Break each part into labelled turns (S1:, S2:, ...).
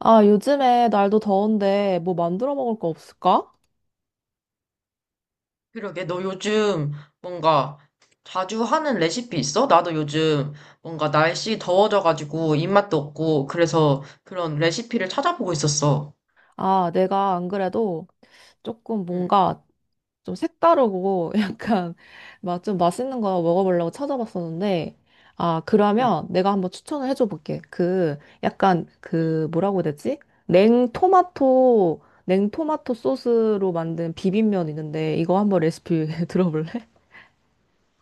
S1: 아, 요즘에 날도 더운데 뭐 만들어 먹을 거 없을까?
S2: 그러게, 너 요즘 뭔가 자주 하는 레시피 있어? 나도 요즘 뭔가 날씨 더워져가지고 입맛도 없고, 그래서 그런 레시피를 찾아보고 있었어.
S1: 아, 내가 안 그래도 조금
S2: 응,
S1: 뭔가 좀 색다르고 약간 막 좀 맛있는 거 먹어보려고 찾아봤었는데. 아,
S2: 응,
S1: 그러면 내가 한번 추천을 해줘 볼게. 그 약간
S2: 응.
S1: 그 뭐라고 해야 되지? 냉토마토 소스로 만든 비빔면 있는데 이거 한번 레시피 들어볼래?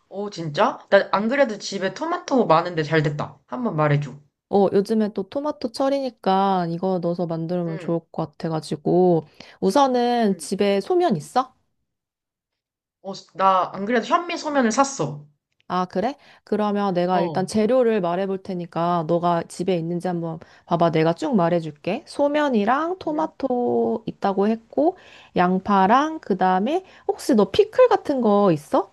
S2: 오, 진짜? 나 안 그래도 집에 토마토 많은데 잘 됐다. 한번 말해줘.
S1: 어, 요즘에 또 토마토 철이니까 이거 넣어서 만들면
S2: 응,
S1: 좋을 것 같아가지고. 우선은
S2: 응.
S1: 집에 소면 있어?
S2: 어, 나 안 그래도 현미 소면을 샀어.
S1: 아, 그래? 그러면 내가
S2: 어,
S1: 일단 재료를 말해볼 테니까 너가 집에 있는지 한번 봐봐. 내가 쭉 말해줄게. 소면이랑
S2: 응.
S1: 토마토 있다고 했고, 양파랑 그다음에 혹시 너 피클 같은 거 있어?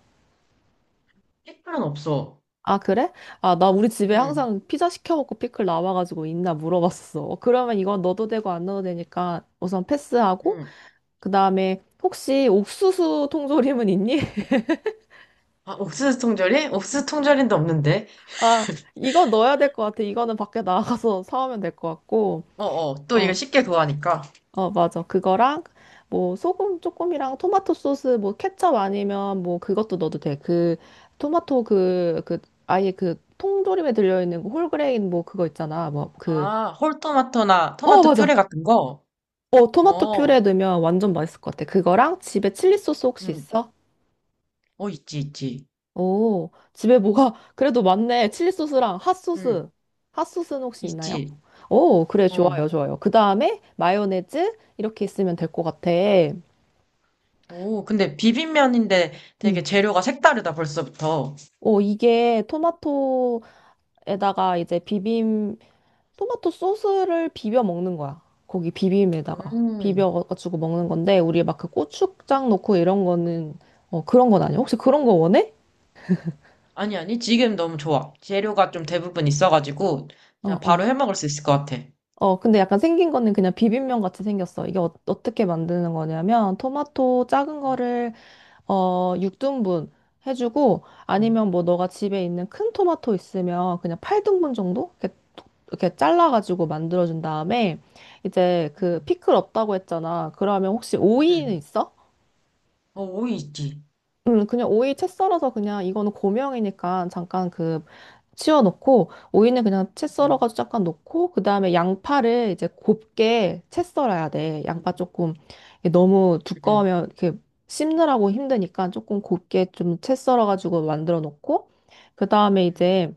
S2: 피클은 없어.
S1: 아, 그래? 아, 나 우리 집에
S2: 응,
S1: 항상 피자 시켜 먹고 피클 나와가지고 있나 물어봤어. 그러면 이건 넣어도 되고 안 넣어도 되니까 우선 패스하고,
S2: 응.
S1: 그 다음에 혹시 옥수수 통조림은 있니?
S2: 아, 옥수수 통조림? 옥수수 통조림도 없는데.
S1: 아, 이거 넣어야 될 것 같아. 이거는 밖에 나가서 사오면 될 것 같고.
S2: 어어, 또
S1: 어,
S2: 이거 쉽게 구하니까.
S1: 어, 맞아. 그거랑 뭐 소금 조금이랑 토마토 소스 뭐 케첩 아니면 뭐 그것도 넣어도 돼. 그 토마토 그 아예 그 통조림에 들려있는 그 홀그레인 뭐 그거 있잖아. 뭐 그,
S2: 아, 홀토마토나
S1: 어,
S2: 토마토
S1: 맞아.
S2: 퓨레 같은 거?
S1: 어, 토마토
S2: 어,
S1: 퓨레 넣으면 완전 맛있을 것 같아. 그거랑 집에 칠리 소스 혹시
S2: 응.
S1: 있어?
S2: 어, 있지, 있지.
S1: 오, 집에 뭐가 그래도 많네. 칠리 소스랑
S2: 응,
S1: 핫소스. 핫소스는 혹시 있나요?
S2: 있지.
S1: 오, 그래,
S2: 어.
S1: 좋아요, 좋아요. 그 다음에 마요네즈 이렇게 있으면 될 것 같아.
S2: 오, 근데 비빔면인데 되게
S1: 음.
S2: 재료가 색다르다, 벌써부터.
S1: 오, 이게 토마토에다가 이제 비빔, 토마토 소스를 비벼 먹는 거야. 거기 비빔에다가.
S2: 음,
S1: 비벼가지고 먹는 건데, 우리 막 그 고추장 넣고 이런 거는, 어, 그런 건 아니야. 혹시 그런 거 원해?
S2: 아니, 아니, 지금 너무 좋아. 재료가 좀 대부분 있어가지고,
S1: 어,
S2: 자, 바로
S1: 어.
S2: 해 먹을 수 있을 것 같아.
S1: 어, 근데 약간 생긴 거는 그냥 비빔면 같이 생겼어. 이게 떻게 만드는 거냐면, 토마토 작은
S2: 음,
S1: 거를, 어, 6등분 해주고,
S2: 음,
S1: 아니면 뭐 너가 집에 있는 큰 토마토 있으면 그냥 8등분 정도? 이렇게, 이렇게 잘라가지고 만들어준 다음에, 이제 그
S2: 음,
S1: 피클 없다고 했잖아. 그러면 혹시 오이는
S2: 음.
S1: 있어?
S2: 어, 오이 있지.
S1: 그냥 오이 채 썰어서 그냥 이거는 고명이니까 잠깐 그 치워놓고 오이는 그냥 채
S2: 음,
S1: 썰어가지고 잠깐 놓고 그 다음에 양파를 이제 곱게 채 썰어야 돼.
S2: 음,
S1: 양파 조금 이게 너무
S2: 음,
S1: 두꺼우면 이렇게 씹느라고 힘드니까 조금 곱게 좀 채 썰어가지고 만들어 놓고 그 다음에
S2: 음,
S1: 이제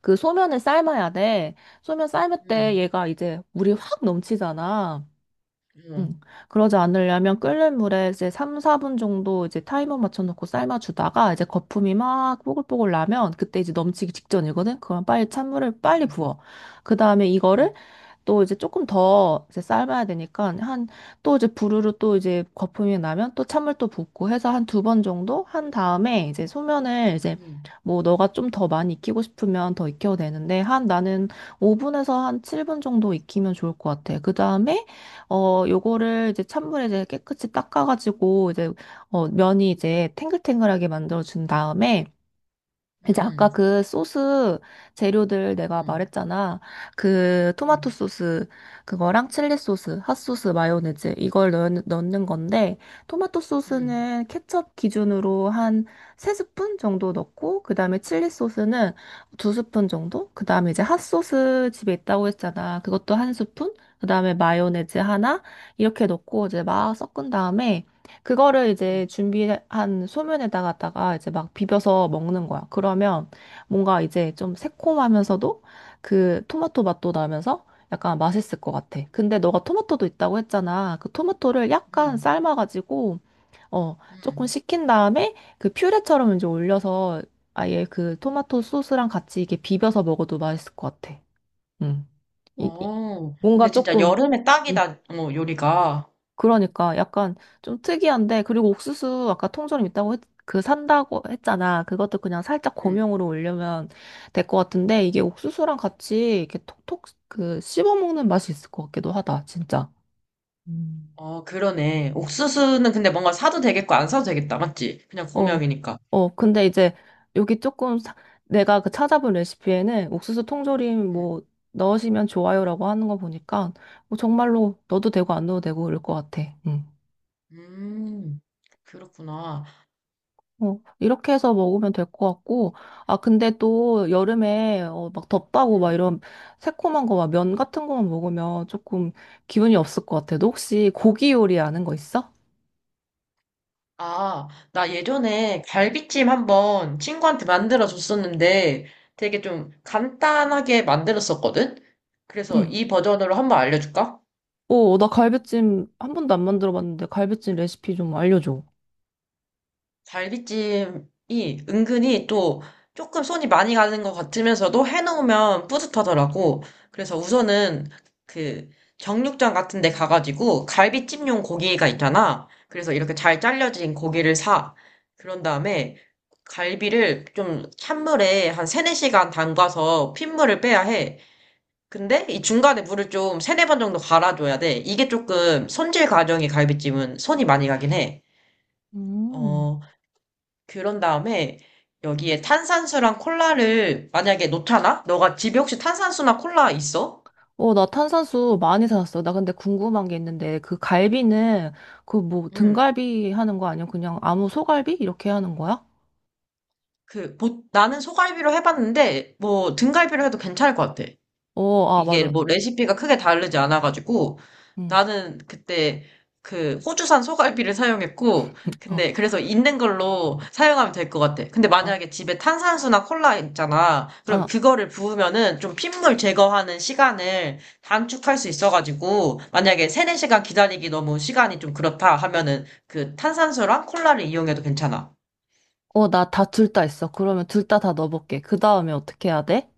S1: 그 소면을 삶아야 돼. 소면 삶을 때 얘가 이제 물이 확 넘치잖아. 응.
S2: 음,
S1: 그러지 않으려면 끓는 물에 이제 3, 4분 정도 이제 타이머 맞춰놓고 삶아주다가 이제 거품이 막 뽀글뽀글 나면 그때 이제 넘치기 직전이거든? 그럼 빨리 찬물을 빨리
S2: 음,
S1: 부어. 그 다음에 이거를
S2: 음,
S1: 또 이제 조금 더 이제 삶아야 되니까 한 또 이제 부르르 또 이제 거품이 나면 또 찬물 또 붓고 해서 한 두 번 정도 한 다음에 이제 소면을 이제
S2: 음, 음,
S1: 뭐 너가 좀 더 많이 익히고 싶으면 더 익혀도 되는데 한 나는 5분에서 한 7분 정도 익히면 좋을 것 같아. 그 다음에 어, 요거를 이제 찬물에 이제 깨끗이 닦아가지고 이제 어, 면이 이제 탱글탱글하게 만들어준 다음에 이제 아까
S2: 음,
S1: 그 소스 재료들 내가
S2: 음,
S1: 말했잖아. 그
S2: 음,
S1: 토마토
S2: 음,
S1: 소스 그거랑 칠리 소스, 핫소스, 마요네즈 이걸 넣는 건데 토마토
S2: 음,
S1: 소스는 케첩 기준으로 한 세스푼 정도 넣고 그다음에 칠리 소스는 두스푼 정도? 그다음에 이제 핫소스 집에 있다고 했잖아. 그것도 한스푼 그다음에 마요네즈 하나 이렇게 넣고 이제 막 섞은 다음에 그거를
S2: 음,
S1: 이제
S2: 음.
S1: 준비한 소면에다가다가 이제 막 비벼서 먹는 거야. 그러면 뭔가 이제 좀 새콤하면서도 그 토마토 맛도 나면서 약간 맛있을 것 같아. 근데 너가 토마토도 있다고 했잖아. 그 토마토를 약간
S2: 음.
S1: 삶아가지고 어 조금
S2: 음.
S1: 식힌 다음에 그 퓨레처럼 이제 올려서 아예 그 토마토 소스랑 같이 이게 비벼서 먹어도 맛있을 것 같아. 음. 이, 이-
S2: 어, 근데
S1: 뭔가
S2: 진짜
S1: 조금.
S2: 여름에
S1: 음.
S2: 딱이다, 요리가.
S1: 그러니까 약간 좀 특이한데 그리고 옥수수 아까 통조림 그 산다고 했잖아. 그것도 그냥 살짝
S2: 음.
S1: 고명으로 올려면 될 것 같은데 이게 옥수수랑 같이 이렇게 톡톡 그 씹어 먹는 맛이 있을 것 같기도 하다. 진짜. 음.
S2: 어, 그러네. 옥수수는 근데 뭔가 사도 되겠고 안 사도 되겠다, 맞지? 그냥
S1: 어,
S2: 고명이니까.
S1: 어, 근데 이제 여기 조금 내가 그 찾아본 레시피에는 옥수수 통조림
S2: 음,
S1: 뭐 넣으시면 좋아요라고 하는 거 보니까 뭐 정말로 넣어도 되고 안 넣어도 되고 그럴 것 같아. 응.
S2: 음, 그렇구나.
S1: 어, 이렇게 해서 먹으면 될 것 같고, 아, 근데 또 여름에 어, 막 덥다고 막
S2: 음.
S1: 이런 새콤한 거 막 면 같은 거만 먹으면 조금 기분이 없을 것 같아. 너 혹시 고기 요리 아는 거 있어?
S2: 아, 나 예전에 갈비찜 한번 친구한테 만들어 줬었는데 되게 좀 간단하게 만들었었거든? 그래서
S1: 응.
S2: 이 버전으로 한번 알려줄까?
S1: 어, 나 갈비찜 한 번도 안 만들어 봤는데 갈비찜 레시피 좀 알려줘.
S2: 갈비찜이 은근히 또 조금 손이 많이 가는 것 같으면서도 해놓으면 뿌듯하더라고. 그래서 우선은 그 정육점 같은 데 가가지고 갈비찜용 고기가 있잖아. 그래서 이렇게 잘 잘려진 고기를 사. 그런 다음에 갈비를 좀 찬물에 한 3, 4시간 담가서 핏물을 빼야 해. 근데 이 중간에 물을 좀 세네 번 정도 갈아줘야 돼. 이게 조금 손질 과정이 갈비찜은 손이 많이 가긴 해.
S1: 음.
S2: 어, 그런 다음에 여기에 탄산수랑 콜라를 만약에 놓잖아? 너가 집에 혹시 탄산수나 콜라 있어?
S1: 어, 나 탄산수 많이 사놨어. 나 근데 궁금한 게 있는데 그 갈비는 그 뭐
S2: 응.
S1: 등갈비 하는 거 아니야? 그냥 아무 소갈비? 이렇게 하는 거야?
S2: 나는 소갈비로 해봤는데, 뭐, 등갈비로 해도 괜찮을 것 같아.
S1: 어, 아,
S2: 이게
S1: 맞아.
S2: 뭐 레시피가 크게 다르지 않아가지고
S1: 응.
S2: 나는 그때 그 호주산 소갈비를 사용했고
S1: 어,
S2: 근데 그래서 있는 걸로 사용하면 될 것 같아. 근데
S1: 어,
S2: 만약에 집에 탄산수나 콜라 있잖아. 그럼
S1: 어.
S2: 그거를 부으면은 좀 핏물 제거하는 시간을 단축할 수 있어가지고 만약에 세네 시간 기다리기 너무 시간이 좀 그렇다 하면은 그 탄산수랑 콜라를 이용해도 괜찮아.
S1: 어, 나 다 둘 다 있어. 그러면 둘 다 다 넣어볼게. 그 다음에 어떻게 해야 돼?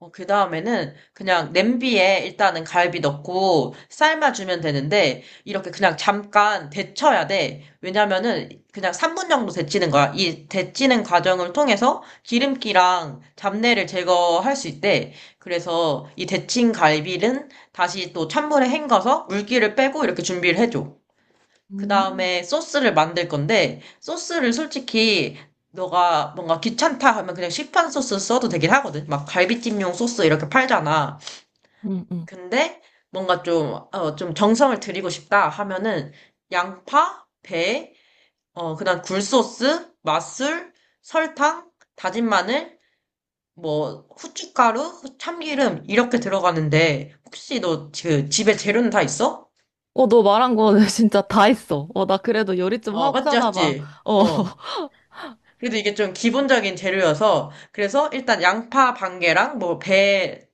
S2: 어, 그 다음에는 그냥 냄비에 일단은 갈비 넣고 삶아주면 되는데, 이렇게 그냥 잠깐 데쳐야 돼. 왜냐면은 그냥 3분 정도 데치는 거야. 이 데치는 과정을 통해서 기름기랑 잡내를 제거할 수 있대. 그래서 이 데친 갈비는 다시 또 찬물에 헹궈서 물기를 빼고 이렇게 준비를 해줘.
S1: 음.
S2: 그다음에 소스를 만들 건데 소스를 솔직히 너가 뭔가 귀찮다 하면 그냥 시판 소스 써도 되긴 하거든. 막 갈비찜용 소스 이렇게 팔잖아.
S1: 응, 응.
S2: 근데 뭔가 좀, 좀 정성을 들이고 싶다 하면은 양파, 배, 그다음 굴소스, 맛술, 설탕, 다진 마늘, 뭐 후춧가루, 참기름 이렇게 들어가는데 혹시 너 그 집에 재료는 다 있어?
S1: 어, 너 말한 거 진짜 다 있어. 어, 나 그래도 요리 좀
S2: 어,
S1: 하고
S2: 맞지,
S1: 사나 봐.
S2: 맞지.
S1: 어.
S2: 어. 그래도 이게 좀 기본적인 재료여서, 그래서 일단 양파 반 개랑 뭐 배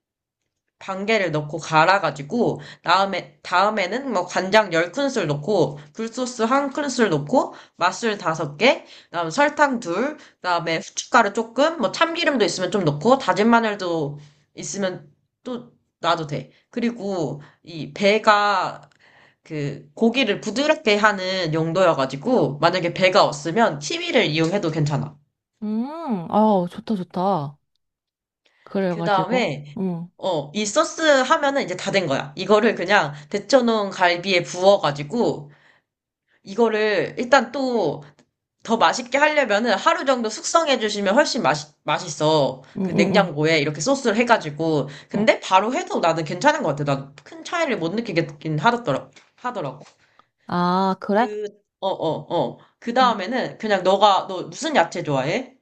S2: 반 개를 넣고 갈아가지고, 다음에는 뭐 간장 10큰술 넣고, 굴소스 1큰술 넣고, 맛술 5개, 그다음 설탕 둘, 그다음에 후춧가루 조금, 뭐 참기름도 있으면 좀 넣고, 다진 마늘도 있으면 또 놔도 돼. 그리고 이 배가 그 고기를 부드럽게 하는 용도여가지고, 만약에 배가 없으면 치위를 이용해도 괜찮아.
S1: 음, 아 좋다, 좋다.
S2: 그
S1: 그래가지고.
S2: 다음에,
S1: 응,
S2: 이 소스 하면은 이제 다 된 거야. 이거를 그냥 데쳐놓은 갈비에 부어가지고, 이거를 일단 또 더 맛있게 하려면은 하루 정도 숙성해주시면 훨씬 맛있어.
S1: 응,
S2: 그
S1: 응, 응.
S2: 냉장고에 이렇게 소스를 해가지고.
S1: 응.
S2: 근데 바로 해도 나는 괜찮은 것 같아. 난 큰 차이를 못 느끼긴 하더라고.
S1: 아, 그래?
S2: 그, 그 다음에는 그냥 너 무슨 야채 좋아해?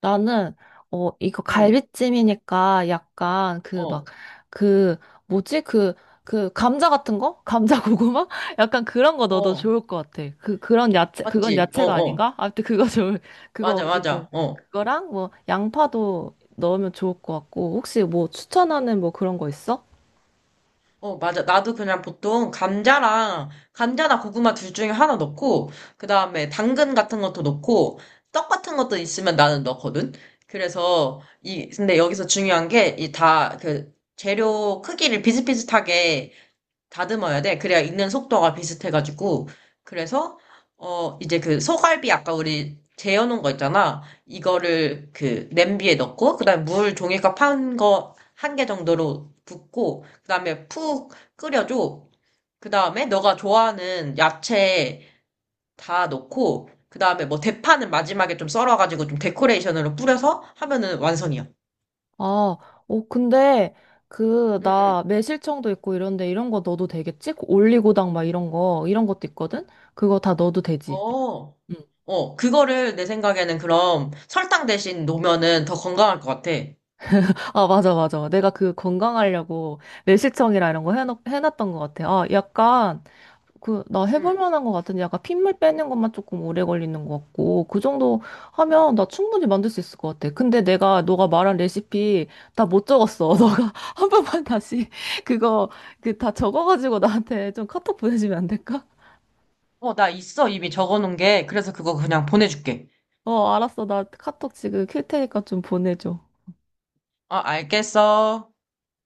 S1: 나는 어 이거
S2: 응,
S1: 갈비찜이니까 약간 그 막
S2: 어,
S1: 그 뭐지 그 그 감자 같은 거? 감자 고구마? 약간 그런 거 넣어도
S2: 어.
S1: 좋을 것 같아. 그 그런 야채 그건
S2: 맞지? 어,
S1: 야채가
S2: 어.
S1: 아닌가? 아무튼 그거 좋을. 그거
S2: 맞아,
S1: 어쨌든
S2: 맞아. 어.
S1: 그거랑 뭐 양파도 넣으면 좋을 것 같고 혹시 뭐 추천하는 뭐 그런 거 있어?
S2: 어, 맞아. 나도 그냥 보통 감자나 고구마 둘 중에 하나 넣고, 그 다음에 당근 같은 것도 넣고, 떡 같은 것도 있으면 나는 넣거든? 그래서, 근데 여기서 중요한 게, 이 재료 크기를 비슷비슷하게 다듬어야 돼. 그래야 익는 속도가 비슷해가지고. 그래서, 이제 그 소갈비 아까 우리 재워놓은 거 있잖아. 이거를 그 냄비에 넣고, 그 다음에 물 종이컵 한 개 정도로 붓고, 그 다음에 푹 끓여줘. 그 다음에 너가 좋아하는 야채 다 넣고, 그 다음에 뭐 대파는 마지막에 좀 썰어가지고 좀 데코레이션으로 뿌려서 하면은 완성이야.
S1: 아, 어 근데 그
S2: 응, 응.
S1: 나 매실청도 있고 이런데 이런 거 넣어도 되겠지? 그 올리고당 막 이런 거 이런 것도 있거든? 그거 다 넣어도 되지?
S2: 어.
S1: 응.
S2: 어, 그거를 내 생각에는 그럼 설탕 대신 놓으면은 더 건강할 것 같아.
S1: 아, 맞아, 맞아. 내가 그 건강하려고 매실청이라 이런 거 해놨던 것 같아. 아, 약간, 그, 나 해볼
S2: 응.
S1: 만한 것 같은데 약간 핏물 빼는 것만 조금 오래 걸리는 것 같고, 그 정도 하면 나 충분히 만들 수 있을 것 같아. 근데 내가, 너가 말한 레시피 다 못 적었어.
S2: 어,
S1: 너가 한 번만 다시 그거, 그 다 적어가지고 나한테 좀 카톡 보내주면 안 될까?
S2: 어, 나 있어. 이미 적어놓은 게. 그래서 그거 그냥 보내줄게.
S1: 어, 알았어. 나 카톡 지금 킬 테니까 좀 보내줘.
S2: 어, 알겠어.